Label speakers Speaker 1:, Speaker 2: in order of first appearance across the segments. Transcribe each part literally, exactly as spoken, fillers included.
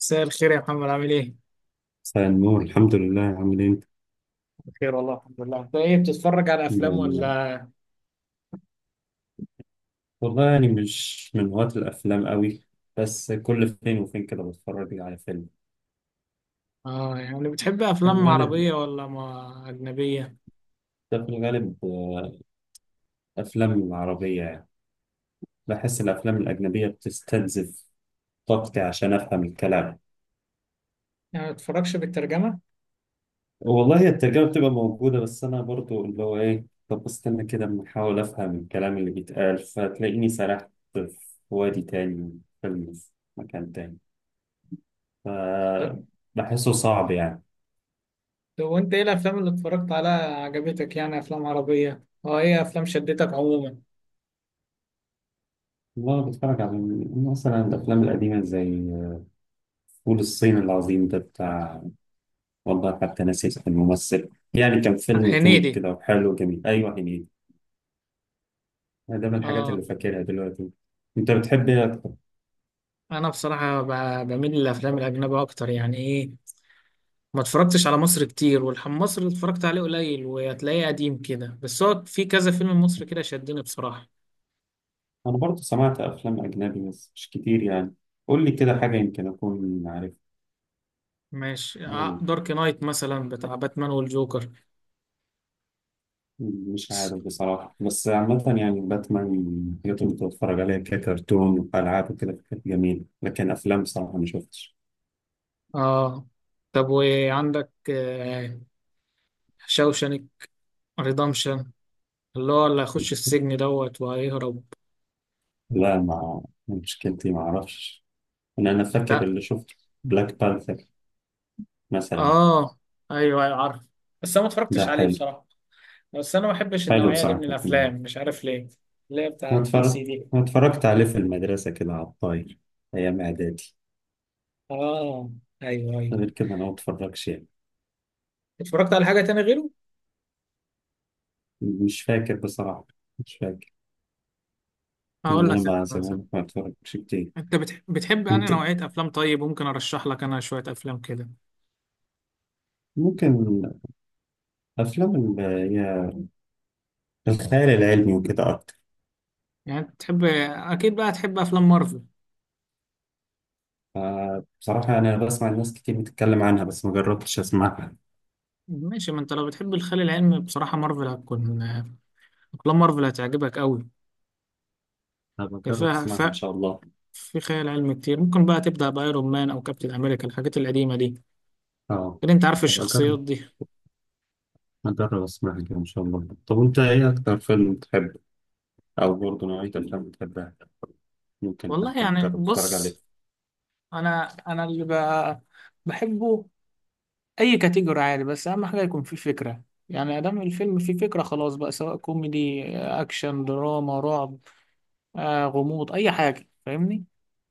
Speaker 1: مساء الخير يا محمد، عامل ايه؟
Speaker 2: مساء النور، الحمد لله. عامل ايه انت؟
Speaker 1: بخير والله، الحمد لله. انت ايه، بتتفرج على
Speaker 2: الحمد
Speaker 1: افلام
Speaker 2: لله.
Speaker 1: ولا؟
Speaker 2: والله يعني مش من هواة الافلام قوي، بس كل فين وفين كده بتفرج على فيلم.
Speaker 1: اه يعني بتحب
Speaker 2: في
Speaker 1: افلام
Speaker 2: الغالب،
Speaker 1: عربية ولا ما اجنبية؟
Speaker 2: ده في الغالب آه، افلام عربية يعني بحس الافلام الاجنبية بتستنزف طاقتي عشان افهم الكلام.
Speaker 1: يعني ما بتتفرجش بالترجمة؟
Speaker 2: والله هي الترجمة بتبقى موجودة، بس انا برضو اللي هو ايه، طب استنى كده اما احاول افهم الكلام اللي بيتقال فتلاقيني سرحت في وادي تاني، فيلم في مكان تاني.
Speaker 1: طب
Speaker 2: ف- بحسه صعب يعني.
Speaker 1: طب وانت ايه الافلام اللي اتفرجت عليها عجبتك؟ يعني افلام عربية؟ اه ايه افلام شدتك عموما؟
Speaker 2: والله بتفرج على مثلا الأفلام القديمة زي فول الصين العظيم، ده بتاع، والله حتى ناسي اسم الممثل، يعني كان فيلم كوميدي
Speaker 1: هنيدي.
Speaker 2: كده وحلو وجميل. أيوة، هنيدي. ده من الحاجات
Speaker 1: اه،
Speaker 2: اللي فاكرها دلوقتي. أنت بتحب إيه أكتر؟
Speaker 1: انا بصراحة ب- بميل للافلام الاجنبية اكتر، يعني ايه، ما اتفرجتش على مصر كتير، والحم مصر اللي اتفرجت عليه قليل وهتلاقيه قديم كده، بس هو في كذا فيلم مصري كده شدني بصراحة.
Speaker 2: أنا برضه سمعت أفلام أجنبي بس مش كتير يعني. قول لي كده حاجة يمكن أكون عارف.
Speaker 1: ماشي. آه، دارك نايت مثلا بتاع باتمان والجوكر.
Speaker 2: مش عارف بصراحة، بس عامة يعني باتمان من الحاجات اللي كنت بتفرج عليها ككرتون وألعاب وكده، كانت جميلة، لكن أفلام بصراحة ما شفتش.
Speaker 1: اه طب وعندك آه شاوشانك ريدمشن، اللي هو اللي هيخش السجن دوت وهيهرب.
Speaker 2: لا. مع مشكلتي ما أعرفش إن أنا فاكر
Speaker 1: لا.
Speaker 2: اللي شفته. بلاك بانثر مثلا.
Speaker 1: اه، ايوه ايوه عارف، بس انا ما
Speaker 2: ده
Speaker 1: اتفرجتش عليه
Speaker 2: حلو،
Speaker 1: بصراحه. بس انا ما بحبش
Speaker 2: حلو
Speaker 1: النوعيه دي
Speaker 2: بصراحة
Speaker 1: من
Speaker 2: كان.
Speaker 1: الافلام، مش عارف ليه. اللي هي بتاع
Speaker 2: أنا
Speaker 1: الدي سي
Speaker 2: اتفرجت
Speaker 1: دي.
Speaker 2: أنا اتفرجت عليه في المدرسة كده على الطاير، أيام إعدادي.
Speaker 1: اه، ايوه ايوه.
Speaker 2: غير كده أنا ما اتفرجش يعني.
Speaker 1: اتفرجت على حاجه تاني غيره؟
Speaker 2: مش فاكر بصراحة، مش فاكر.
Speaker 1: هقول
Speaker 2: إن
Speaker 1: لك
Speaker 2: أنا ما زي ما
Speaker 1: مثلا،
Speaker 2: بقولك ما اتفرجش كتير.
Speaker 1: انت بتح- بتحب انهي
Speaker 2: كنت،
Speaker 1: نوعيه افلام؟ طيب ممكن ارشح لك انا شويه افلام كده.
Speaker 2: ممكن، أفلام اللي هي الخيال العلمي وكده أكتر.
Speaker 1: يعني أنت تحب، أكيد بقى تحب أفلام مارفل.
Speaker 2: آه، بصراحة أنا بسمع الناس كتير بتتكلم عنها بس ما جربتش أسمعها.
Speaker 1: ماشي، ما أنت لو بتحب الخيال العلمي بصراحة مارفل هتكون، أفلام مارفل هتعجبك أوي.
Speaker 2: هبقى
Speaker 1: هي
Speaker 2: أجرب
Speaker 1: فيها ف...
Speaker 2: أسمعها إن شاء الله.
Speaker 1: في خيال علمي كتير. ممكن بقى تبدأ بأيرون مان أو كابتن أمريكا، الحاجات القديمة دي،
Speaker 2: أه،
Speaker 1: كده أنت عارف
Speaker 2: هبقى
Speaker 1: الشخصيات
Speaker 2: أجرب
Speaker 1: دي.
Speaker 2: هجرب أسمعها كده إن شاء الله. طب وأنت إيه أكتر فيلم بتحبه، أو برضه نوعية الأفلام بتحبها، ممكن
Speaker 1: والله
Speaker 2: حتى
Speaker 1: يعني
Speaker 2: تجرب تتفرج
Speaker 1: بص،
Speaker 2: عليه.
Speaker 1: أنا أنا اللي بقى بحبه أي كاتيجوري عادي، بس أهم حاجة يكون فيه فكرة. يعني أدام الفيلم فيه فكرة خلاص بقى، سواء كوميدي أكشن دراما رعب، آه غموض، أي حاجة، فاهمني؟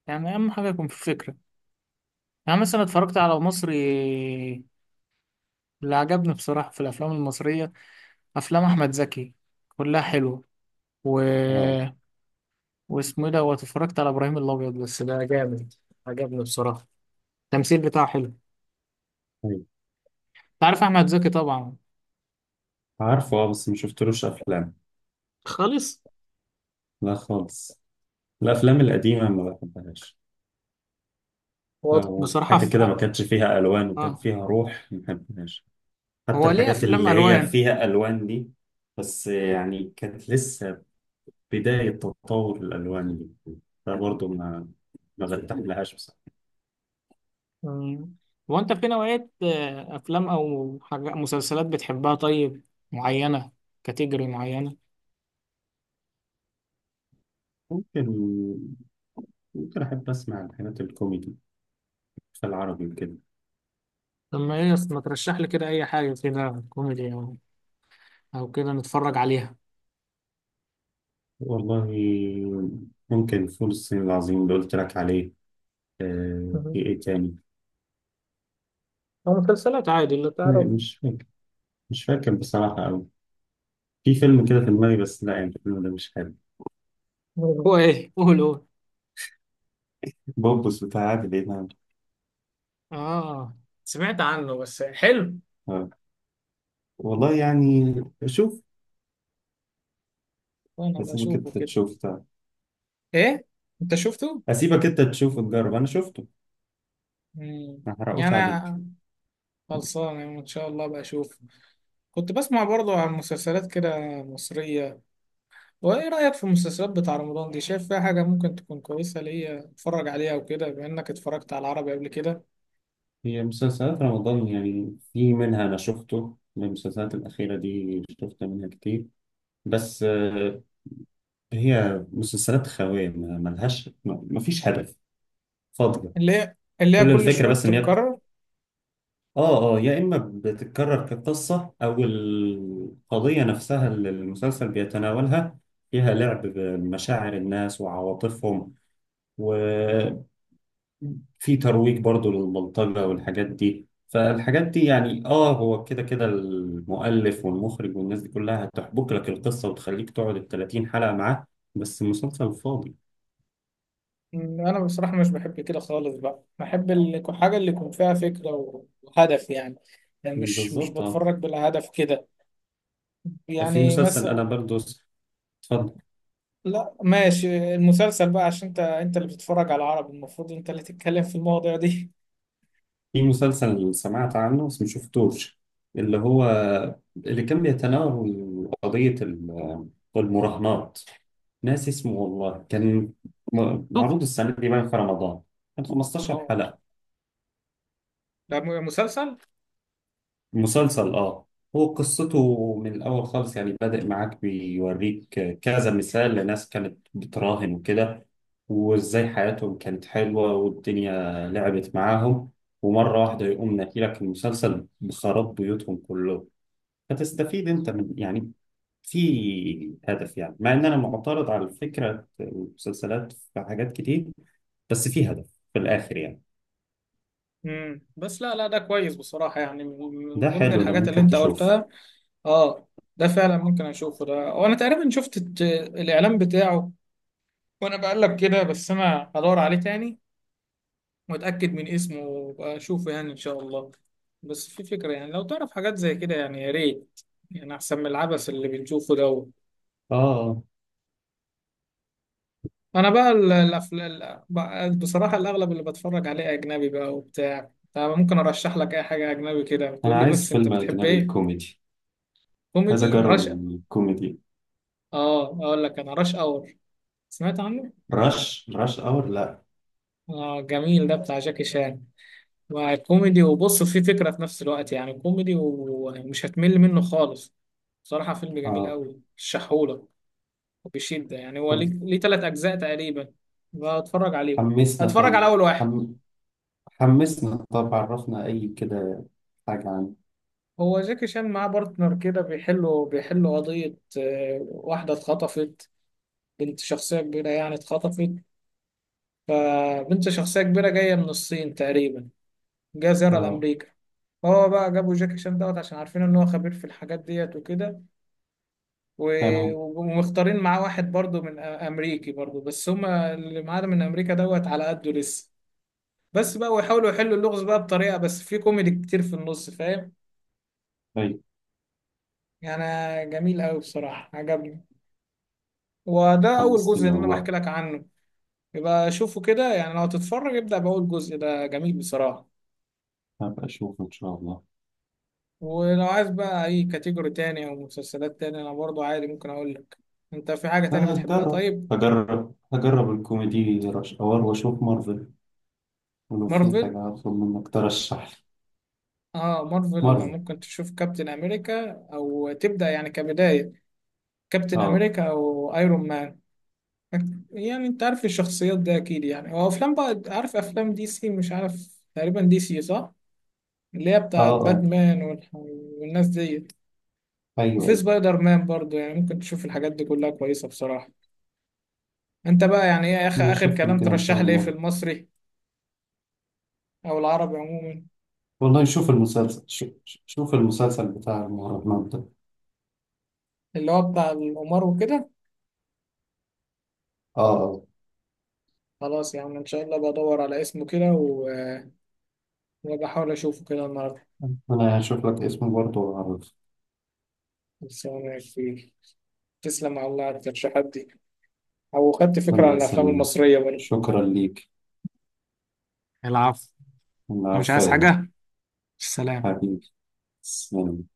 Speaker 1: يعني أهم حاجة يكون فيه فكرة. يعني مثلا اتفرجت على مصري، اللي عجبني بصراحة في الأفلام المصرية أفلام أحمد زكي، كلها حلوة. و...
Speaker 2: أه.
Speaker 1: واسمه إيه ده، واتفرجت على إبراهيم الأبيض، بس ده جامد، عجبني بصراحة، التمثيل بتاعه حلو. أنت
Speaker 2: أيوة،
Speaker 1: عارف أحمد زكي طبعا.
Speaker 2: عارفه. أه، بس مشفتلوش أفلام.
Speaker 1: خالص.
Speaker 2: لا خالص. الأفلام القديمة ما بحبهاش.
Speaker 1: هو
Speaker 2: لو
Speaker 1: بصراحة
Speaker 2: حاجة
Speaker 1: في
Speaker 2: كده ما
Speaker 1: آه
Speaker 2: كانتش فيها ألوان وكان
Speaker 1: آه.
Speaker 2: فيها روح، ما بحبهاش. حتى
Speaker 1: هو ليه
Speaker 2: الحاجات
Speaker 1: أفلام
Speaker 2: اللي هي
Speaker 1: ألوان.
Speaker 2: فيها ألوان دي، بس يعني كانت لسه بداية تطور الألوان دي، فبرضه ما ما برتاحلهاش بصراحة.
Speaker 1: مم. هو أنت في نوعية آه، أفلام أو حاجة مسلسلات بتحبها؟ طيب، معينة، كاتيجوري معينة؟
Speaker 2: ممكن، ممكن أحب أسمع الحاجات الكوميدي في العربي وكده.
Speaker 1: طب ما إيه، ما ترشح لي كده أي حاجة كده كوميدي او كده نتفرج عليها.
Speaker 2: والله ممكن فول الصين العظيم اللي قلت لك عليه. آه، في
Speaker 1: مهم.
Speaker 2: ايه تاني؟
Speaker 1: أو مسلسلات عادي اللي
Speaker 2: آه،
Speaker 1: تعرف.
Speaker 2: مش فاكر مش فاكر بصراحة أوي. في فيلم كده في دماغي بس، لا يعني الفيلم ده مش حلو.
Speaker 1: هو ايه، قول قول.
Speaker 2: بوبس بتاع عادل إمام.
Speaker 1: اه سمعت عنه، بس حلو؟
Speaker 2: آه. والله يعني شوف،
Speaker 1: وانا
Speaker 2: أسيبك
Speaker 1: بشوفه
Speaker 2: أنت
Speaker 1: كده.
Speaker 2: تشوف ده.
Speaker 1: ايه، انت شفته؟
Speaker 2: أسيبك أنت تشوف وتجرب، أنا شفته،
Speaker 1: مم.
Speaker 2: ما حرقوش
Speaker 1: يعني
Speaker 2: عليك.
Speaker 1: أنا خلصان، يعني ان شاء الله بشوفه. كنت بسمع برضه عن مسلسلات كده مصرية، وايه رأيك في المسلسلات بتاع رمضان دي؟ شايف فيها حاجة ممكن تكون كويسة ليا اتفرج عليها وكده، بما انك اتفرجت على العربي قبل كده؟
Speaker 2: هي مسلسلات رمضان يعني في منها، أنا شفته من المسلسلات الأخيرة دي، شفت منها كتير. بس آه، هي مسلسلات خاوية، ما- ملهاش ما ما فيش هدف، فاضية.
Speaker 1: اللي هي، اللي هي
Speaker 2: كل
Speaker 1: كل
Speaker 2: الفكرة
Speaker 1: شوية
Speaker 2: بس إن هي بت-
Speaker 1: بتتكرر.
Speaker 2: آه آه، يا إما بتتكرر كقصة، أو القضية نفسها اللي المسلسل بيتناولها فيها لعب بمشاعر الناس وعواطفهم، وفي ترويج برضو للبلطجة والحاجات دي. فالحاجات دي يعني آه، هو كده كده المؤلف والمخرج والناس دي كلها هتحبك لك القصة وتخليك تقعد ال الثلاثين حلقة معاه، بس مسلسل فاضي.
Speaker 1: أمم، انا بصراحه مش بحب كده خالص بقى، بحب ال- حاجه اللي يكون فيها فكره و- وهدف يعني. يعني مش مش
Speaker 2: بالظبط آه.
Speaker 1: بتفرج بلا هدف كده.
Speaker 2: في
Speaker 1: يعني
Speaker 2: مسلسل
Speaker 1: مثلا،
Speaker 2: انا برضو س- اتفضل.
Speaker 1: لا ماشي المسلسل بقى. عشان انت انت اللي بتتفرج على العربي، المفروض انت اللي تتكلم في المواضيع دي.
Speaker 2: في مسلسل سمعت عنه بس ما شفتوش، اللي هو اللي كان بيتناول قضية ال- المراهنات. ناس اسمه والله كان، م-
Speaker 1: شوف
Speaker 2: معروض السنة دي باين في رمضان، كان خمستاشر
Speaker 1: اه،
Speaker 2: حلقة.
Speaker 1: ده م- مسلسل.
Speaker 2: مسلسل اه، هو قصته من الأول خالص، يعني بدأ معاك بيوريك كذا مثال لناس كانت بتراهن وكده، وإزاي حياتهم كانت حلوة، والدنيا لعبت معاهم، ومرة واحدة يقوم ناكلك المسلسل بخراب بيوتهم كله. فتستفيد أنت من، يعني في هدف يعني. مع إن أنا معترض على فكرة المسلسلات في حاجات كتير، بس في هدف في الآخر يعني.
Speaker 1: امم، بس لا لا، ده كويس بصراحة. يعني من من
Speaker 2: ده
Speaker 1: ضمن
Speaker 2: حلو، ده
Speaker 1: الحاجات اللي
Speaker 2: ممكن
Speaker 1: انت
Speaker 2: تشوف.
Speaker 1: قلتها، اه ده فعلا ممكن اشوفه. ده، وانا تقريبا شفت الت- الاعلان بتاعه وانا بقلب كده، بس انا هدور عليه تاني، متأكد من اسمه وأبقى أشوفه يعني إن شاء الله. بس في فكرة يعني، لو تعرف حاجات زي كده يعني يا ريت، يعني أحسن من العبث اللي بنشوفه ده.
Speaker 2: آه،
Speaker 1: أنا بقى الأفلام، بصراحة الأغلب اللي بتفرج عليه أجنبي بقى، وبتاع طب ممكن أرشح لك أي حاجة أجنبي كده؟ بتقول
Speaker 2: أنا
Speaker 1: لي بس
Speaker 2: عايز
Speaker 1: أنت
Speaker 2: فيلم
Speaker 1: بتحب
Speaker 2: أجنبي
Speaker 1: إيه؟
Speaker 2: كوميدي، عايز
Speaker 1: كوميدي
Speaker 2: اجرب
Speaker 1: رشا.
Speaker 2: الكوميدي.
Speaker 1: آه أقول لك، أنا رش أور، سمعت عنه؟
Speaker 2: رش رش اور؟ لا.
Speaker 1: آه جميل، ده بتاع جاكي شان، وكوميدي، وبص فيه فكرة في نفس الوقت، يعني كوميدي ومش هتمل منه خالص. بصراحة فيلم جميل
Speaker 2: اه.
Speaker 1: قوي الشحولة، وبشدة. يعني هو ليه
Speaker 2: طب
Speaker 1: ليه تلات أجزاء تقريبا. بتفرج عليه،
Speaker 2: حمسنا
Speaker 1: أتفرج على
Speaker 2: طيب.
Speaker 1: أول واحد.
Speaker 2: حم... حمسنا، طب عرفنا اي كده حاجة عنه.
Speaker 1: هو جاكي شان معاه بارتنر كده، بيحلوا بيحلوا قضية، آه، واحدة اتخطفت، بنت شخصية كبيرة يعني اتخطفت. فبنت شخصية كبيرة جاية من الصين تقريبا، جاية زيارة
Speaker 2: اه،
Speaker 1: لأمريكا. هو بقى جابوا جاكي شان دوت عشان عارفين إن هو خبير في الحاجات ديت وكده. و-
Speaker 2: تمام.
Speaker 1: ومختارين معاه واحد برضو من أ- امريكي برضو، بس هما اللي معانا من امريكا دوت على قده لسه. بس بقى ويحاولوا يحلوا اللغز بقى بطريقة، بس في كوميدي كتير في النص، فاهم
Speaker 2: طيب
Speaker 1: يعني. جميل قوي بصراحة عجبني. وده اول جزء
Speaker 2: حمستني
Speaker 1: اللي انا
Speaker 2: والله،
Speaker 1: بحكي لك عنه. يبقى شوفه كده يعني، لو تتفرج ابدأ بأول جزء ده، جميل بصراحة.
Speaker 2: هبقى اشوف ان شاء الله.
Speaker 1: ولو عايز بقى اي كاتيجوري تاني او مسلسلات تاني، انا برضو عادي ممكن اقول لك. انت في حاجة
Speaker 2: آه،
Speaker 1: تاني بتحبها
Speaker 2: هجرب
Speaker 1: طيب؟
Speaker 2: هجرب هجرب الكوميدي رش اور، واشوف مارفل، ولو في
Speaker 1: مارفل.
Speaker 2: حاجة هطلب منك ترشح لي.
Speaker 1: اه مارفل
Speaker 2: مارفل.
Speaker 1: ممكن تشوف كابتن امريكا، او تبدا يعني كبدايه كابتن
Speaker 2: اه
Speaker 1: امريكا او ايرون مان. يعني انت عارف الشخصيات ده اكيد يعني. وافلام بقى، عارف افلام دي سي، مش عارف تقريبا دي سي صح، اللي هي
Speaker 2: اه
Speaker 1: بتاعت
Speaker 2: اه،
Speaker 1: باتمان والح- والناس ديت.
Speaker 2: ايوه
Speaker 1: وفي
Speaker 2: ايوه.
Speaker 1: سبايدر مان برضو. يعني ممكن تشوف الحاجات دي كلها كويسه بصراحه. انت بقى يعني ايه، اخر اخر
Speaker 2: نشوف لي
Speaker 1: كلام،
Speaker 2: كده ان
Speaker 1: ترشح
Speaker 2: شاء
Speaker 1: لي ايه في
Speaker 2: الله.
Speaker 1: المصري او العربي عموما؟
Speaker 2: والله شوف المسلسل، شوف, شوف المسلسل بتاع المهرجانات ده.
Speaker 1: اللي هو بتاع القمار وكده.
Speaker 2: اه آه.
Speaker 1: خلاص يا عم، ان شاء الله بدور على اسمه كده و- وبحاول اشوفه كده النهارده.
Speaker 2: أنا هشوف لك اسمه برضه وأعرف.
Speaker 1: بس أنا كبير، تسلم على الله على الترشيحات دي، أو خدت فكرة
Speaker 2: الله
Speaker 1: عن الأفلام
Speaker 2: يسلمك،
Speaker 1: المصرية برضه.
Speaker 2: شكرا ليك.
Speaker 1: العفو.
Speaker 2: الله،
Speaker 1: لو مش عايز
Speaker 2: عفوا.
Speaker 1: حاجة، سلام.
Speaker 2: حبيبي، تسلم.